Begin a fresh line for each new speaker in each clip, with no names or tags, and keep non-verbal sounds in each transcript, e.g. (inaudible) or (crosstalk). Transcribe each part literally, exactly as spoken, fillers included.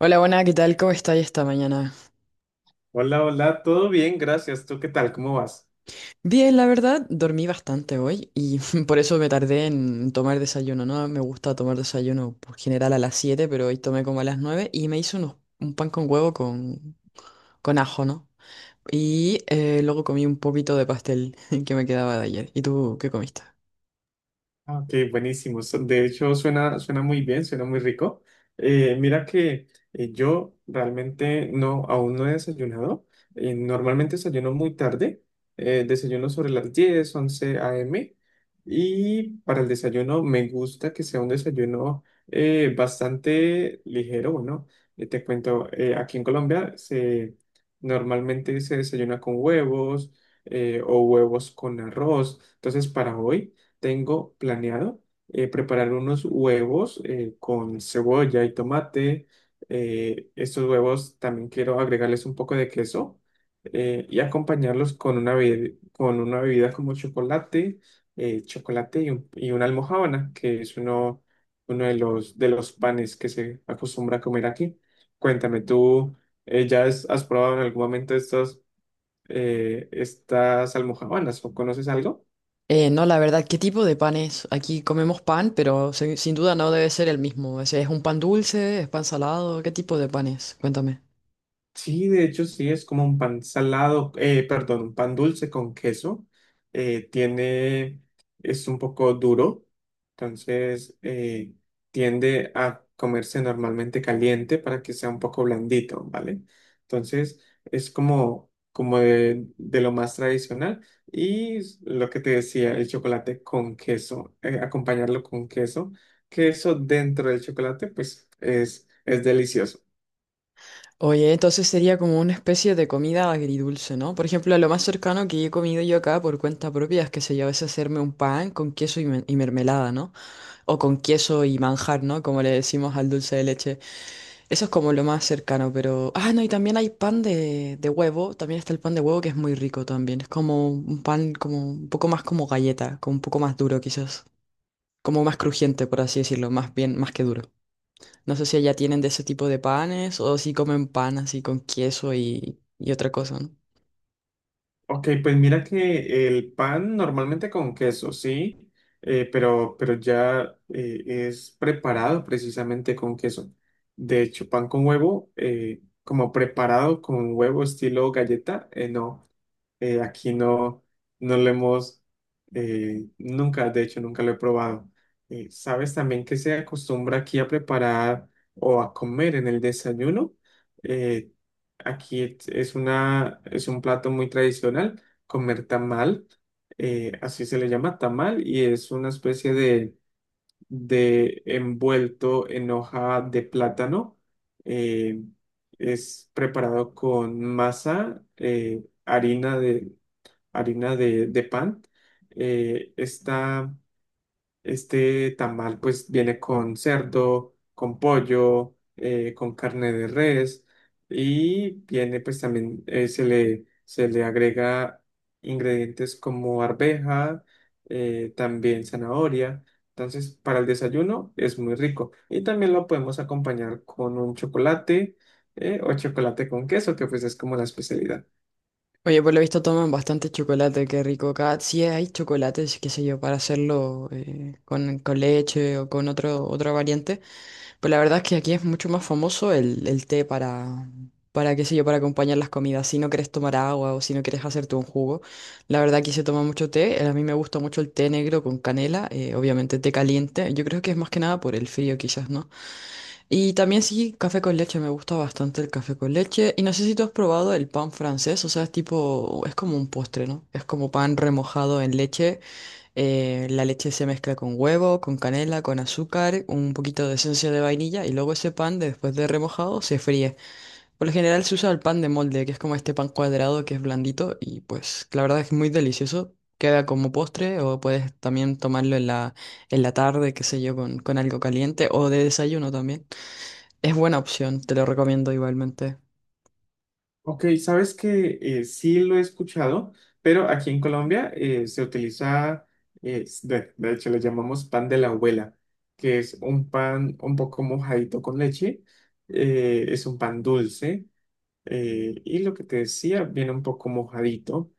Hola, buena, ¿qué tal? ¿Cómo estáis esta mañana?
Hola, hola, todo bien, gracias. ¿Tú qué tal? ¿Cómo vas?
Bien, la verdad, dormí bastante hoy y (laughs) por eso me tardé en tomar desayuno, ¿no? Me gusta tomar desayuno por general a las siete, pero hoy tomé como a las nueve y me hice unos- un pan con huevo con, con ajo, ¿no? Y eh, luego comí un poquito de pastel (laughs) que me quedaba de ayer. ¿Y tú qué comiste?
Ah, Ok, buenísimo. So- De hecho, suena, suena muy bien, suena muy rico. Eh, mira que eh, yo realmente no, aún no he desayunado. Eh, normalmente desayuno muy tarde. Eh, desayuno sobre las diez, once a m. Y para el desayuno me gusta que sea un desayuno eh, bastante ligero. Bueno, eh, te cuento. Eh, aquí en Colombia se, normalmente se desayuna con huevos eh, o huevos con arroz. Entonces, para hoy, tengo planeado eh, preparar unos huevos eh, con cebolla y tomate. Eh, estos huevos también quiero agregarles un poco de queso eh, y acompañarlos con una, bebi- con una bebida como chocolate, eh, chocolate y, un- y una almojábana, que es uno, uno de los, de los panes que se acostumbra a comer aquí. Cuéntame, ¿tú eh, ya has, has probado en algún momento estos, eh, estas almojábanas o conoces algo?
Eh, no, la verdad, ¿qué tipo de pan es? Aquí comemos pan, pero se- sin duda no debe ser el mismo. Ese, ¿es un pan dulce? ¿Es pan salado? ¿Qué tipo de pan es? Cuéntame.
Sí, de hecho sí, es como un pan salado, eh, perdón, un pan dulce con queso. Eh, tiene, es un poco duro, entonces eh, tiende a comerse normalmente caliente para que sea un poco blandito, ¿vale? Entonces es como, como de, de lo más tradicional. Y s- lo que te decía, el chocolate con queso, eh, acompañarlo con queso. Queso dentro del chocolate, pues es, es delicioso.
Oye, entonces sería como una especie de comida agridulce, ¿no? Por ejemplo, lo más cercano que he comido yo acá por cuenta propia es que se yo, a veces hacerme un pan con queso y, me- y mermelada, ¿no? O con queso y manjar, ¿no? Como le decimos al dulce de leche. Eso es como lo más cercano, pero... Ah, no, y también hay pan de, de huevo, también está el pan de huevo que es muy rico también. Es como un pan como un poco más como galleta, como un poco más duro quizás. Como más crujiente, por así decirlo, más bien, más que duro. No sé si allá tienen de ese tipo de panes o si comen pan así con queso y, y otra cosa, ¿no?
Ok, pues mira que el pan normalmente con queso, sí. Eh, pero, pero ya eh, es preparado precisamente con queso. De hecho, pan con huevo, eh, como preparado con huevo estilo galleta, eh, no. Eh, aquí no, no lo hemos, eh, nunca, de hecho, nunca lo he probado. Eh, ¿sabes también que se acostumbra aquí a preparar o a comer en el desayuno? Eh, Aquí es es una, es un plato muy tradicional, comer tamal. Eh, así se le llama, tamal, y es una especie de, de envuelto en hoja de plátano. eh, es preparado con masa, eh, harina de, harina de, de pan. Eh, esta, este tamal pues viene con cerdo, con pollo, eh, con carne de res, y viene pues también eh, se le, se le agrega ingredientes como arveja, eh, también zanahoria. Entonces, para el desayuno es muy rico. Y también lo podemos acompañar con un chocolate eh, o chocolate con queso, que pues es como la especialidad.
Oye, por lo visto toman bastante chocolate, qué rico acá. Sí hay chocolates, qué sé yo, para hacerlo eh, con, con leche o con otro, otra variante. Pero la verdad es que aquí es mucho más famoso el, el té para, para, qué sé yo, para acompañar las comidas. Si no quieres tomar agua o si no quieres hacerte un jugo, la verdad aquí se toma mucho té. Eh, A mí me gusta mucho el té negro con canela, eh, obviamente té caliente. Yo creo que es más que nada por el frío quizás, ¿no? Y también sí, café con leche, me gusta bastante el café con leche. Y no sé si tú has probado el pan francés, o sea, es tipo, es como un postre, ¿no? Es como pan remojado en leche. Eh, la leche se mezcla con huevo, con canela, con azúcar, un poquito de esencia de vainilla y luego ese pan, después de remojado, se fríe. Por lo general se usa el pan de molde, que es como este pan cuadrado que es blandito y pues la verdad es muy delicioso. Queda como postre o puedes también tomarlo en la, en la tarde, qué sé yo, con, con algo caliente o de desayuno también. Es buena opción, te lo recomiendo igualmente.
Ok, sabes que eh, sí lo he escuchado, pero aquí en Colombia eh, se utiliza, eh, s- de, de hecho le llamamos pan de la abuela, que es un pan un poco mojadito con leche, eh, es un pan dulce eh, y lo que te decía, viene un poco mojadito.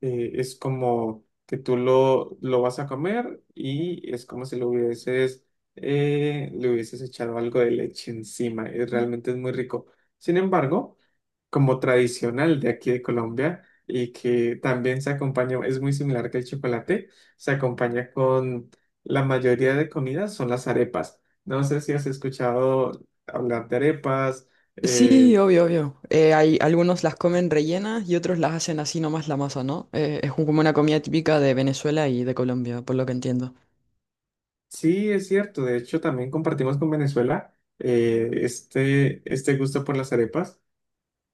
Eh, es como que tú lo, lo vas a comer y es como si lo hubieses, eh, le hubieses echado algo de leche encima, y realmente es muy rico. Sin embargo, como tradicional de aquí de Colombia, y que también se acompaña, es muy similar que el chocolate, se acompaña con la mayoría de comidas, son las arepas. No sé si has escuchado hablar de arepas.
Sí,
eh,
obvio, obvio. Eh, hay algunos las comen rellenas y otros las hacen así nomás la masa, ¿no? Eh, es un- como una comida típica de Venezuela y de Colombia, por lo que entiendo.
sí, es cierto, de hecho también compartimos con Venezuela eh, este, este gusto por las arepas.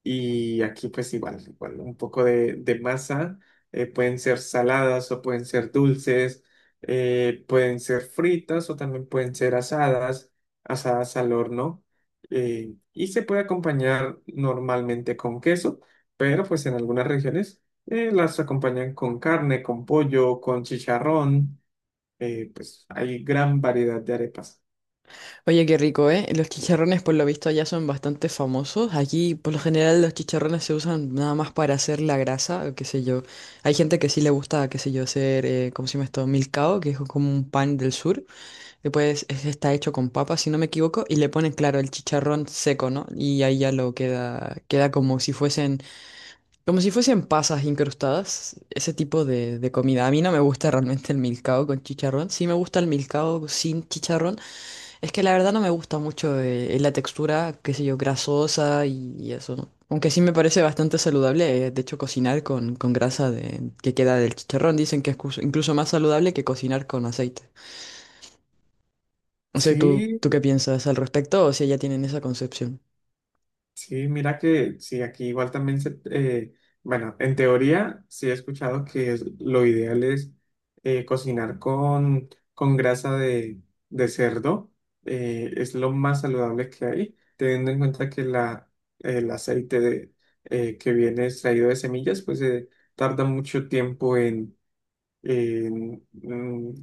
Y aquí pues igual, igual un poco de, de masa. Eh, pueden ser saladas o pueden ser dulces, eh, pueden ser fritas o también pueden ser asadas, asadas al horno. Eh, y se puede acompañar normalmente con queso, pero pues en algunas regiones eh, las acompañan con carne, con pollo, con chicharrón, eh, pues hay gran variedad de arepas.
Oye, qué rico, ¿eh? Los chicharrones por lo visto allá son bastante famosos. Aquí por lo general los chicharrones se usan nada más para hacer la grasa, o qué sé yo. Hay gente que sí le gusta, qué sé yo, hacer, eh, ¿cómo se llama esto? Milcao, que es como un pan del sur. Después es- está hecho con papa, si no me equivoco, y le ponen, claro, el chicharrón seco, ¿no? Y ahí ya lo queda, queda como si fuesen, como si fuesen pasas incrustadas, ese tipo de, de comida. A mí no me gusta realmente el milcao con chicharrón. Sí me gusta el milcao sin chicharrón. Es que la verdad no me gusta mucho eh, la textura, qué sé yo, grasosa y, y eso, ¿no? Aunque sí me parece bastante saludable, eh, de hecho, cocinar con, con grasa de, que queda del chicharrón. Dicen que es cus- incluso más saludable que cocinar con aceite. No sé, ¿tú,
Sí.
tú qué piensas al respecto o si ya tienen esa concepción?
Sí, mira que sí, aquí igual también se, eh, bueno, en teoría sí he escuchado que es- lo ideal es eh, cocinar con, con grasa de, de cerdo. Eh, es lo más saludable que hay, teniendo en cuenta que la, el aceite de, eh, que viene extraído de semillas, pues eh, tarda mucho tiempo en, en, mm,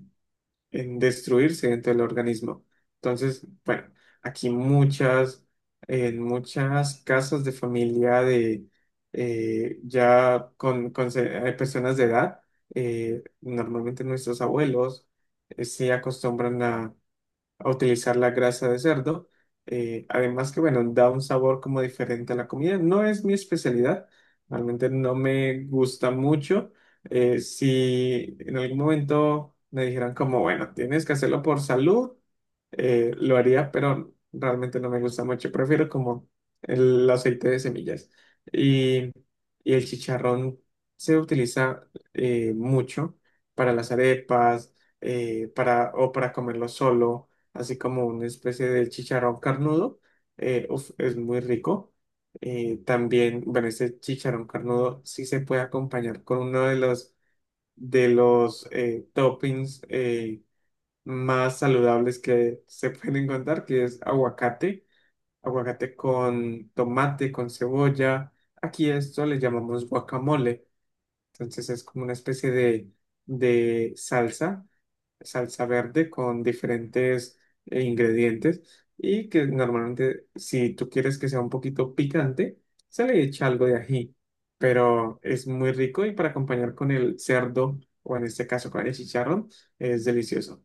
en destruirse dentro del organismo. Entonces, bueno, aquí muchas, en muchas casas de familia de eh, ya con, con se- eh, personas de edad, eh, normalmente nuestros abuelos eh, se acostumbran a utilizar la grasa de cerdo. Eh, además que, bueno, da un sabor como diferente a la comida. No es mi especialidad, realmente no me gusta mucho. Eh, si en algún momento me dijeran como, bueno, tienes que hacerlo por salud, eh, lo haría, pero realmente no me gusta mucho. Prefiero como el aceite de semillas. Y, y el chicharrón se utiliza eh, mucho para las arepas, eh, para, o para comerlo solo, así como una especie de chicharrón carnudo. Eh, uf, es muy rico. Eh, también, bueno, este chicharrón carnudo sí se puede acompañar con uno de los, de los eh, toppings eh, más saludables que se pueden encontrar, que es aguacate. Aguacate con tomate, con cebolla. Aquí esto le llamamos guacamole. Entonces es como una especie de, de salsa salsa verde con diferentes eh, ingredientes, y que normalmente si tú quieres que sea un poquito picante, se le echa algo de ají, pero es muy rico, y para acompañar con el cerdo o en este caso con el chicharrón, es delicioso.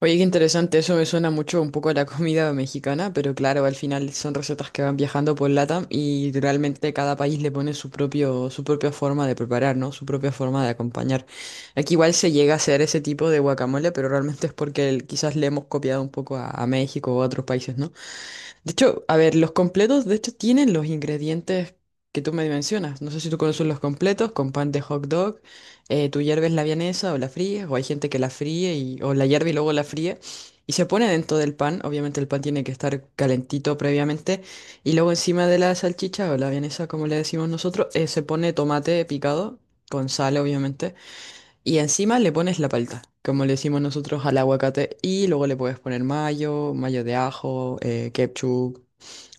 Oye, qué interesante, eso me suena mucho un poco a la (laughs) comida mexicana, pero claro, al final son recetas que van viajando por LATAM y realmente cada país le pone su propio, su propia forma de preparar, ¿no? Su propia forma de acompañar. Aquí igual se llega a hacer ese tipo de guacamole, pero realmente es porque el- quizás le hemos copiado un poco a, a México o a otros países, ¿no? De hecho, a ver, los completos, de hecho, tienen los ingredientes que tú me mencionas. No sé si tú conoces los completos con pan de hot dog. Eh, tú hierves la vienesa o la fríes, o hay gente que la fríe y, o la hierve y luego la fríe. Y se pone dentro del pan. Obviamente el pan tiene que estar calentito previamente. Y luego encima de la salchicha o la vienesa, como le decimos nosotros, eh, se pone tomate picado con sal, obviamente. Y encima le pones la palta, como le decimos nosotros al aguacate. Y luego le puedes poner mayo, mayo de ajo, eh, ketchup,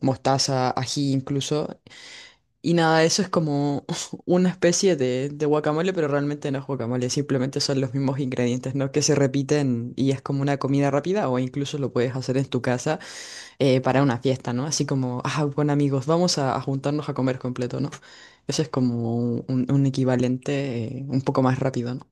mostaza, ají incluso. Y nada, eso es como (laughs) una especie de, de guacamole, pero realmente no es guacamole, simplemente son los mismos ingredientes, ¿no? Que se repiten y es como una comida rápida o incluso lo puedes hacer en tu casa eh, para una fiesta, ¿no? Así como, ah, bueno amigos, vamos a, a juntarnos a comer completo, ¿no? Eso es como un, un equivalente eh, un poco más rápido, ¿no?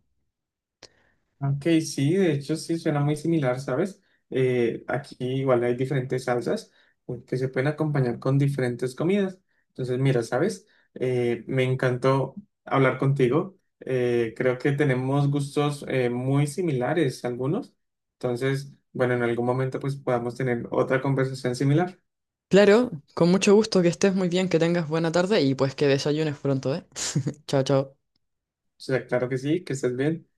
Ok, sí, de hecho sí suena muy similar, ¿sabes? Eh, aquí igual hay diferentes salsas eh, que se pueden acompañar con diferentes comidas. Entonces, mira, ¿sabes? Eh, me encantó hablar contigo. Eh, creo que tenemos gustos eh, muy similares algunos. Entonces, bueno, en algún momento pues podamos tener otra conversación similar.
Claro, con mucho gusto, que estés muy bien, que tengas buena tarde y pues que desayunes pronto, ¿eh? (laughs) Chao, chao.
O sea, claro que sí, que estés bien.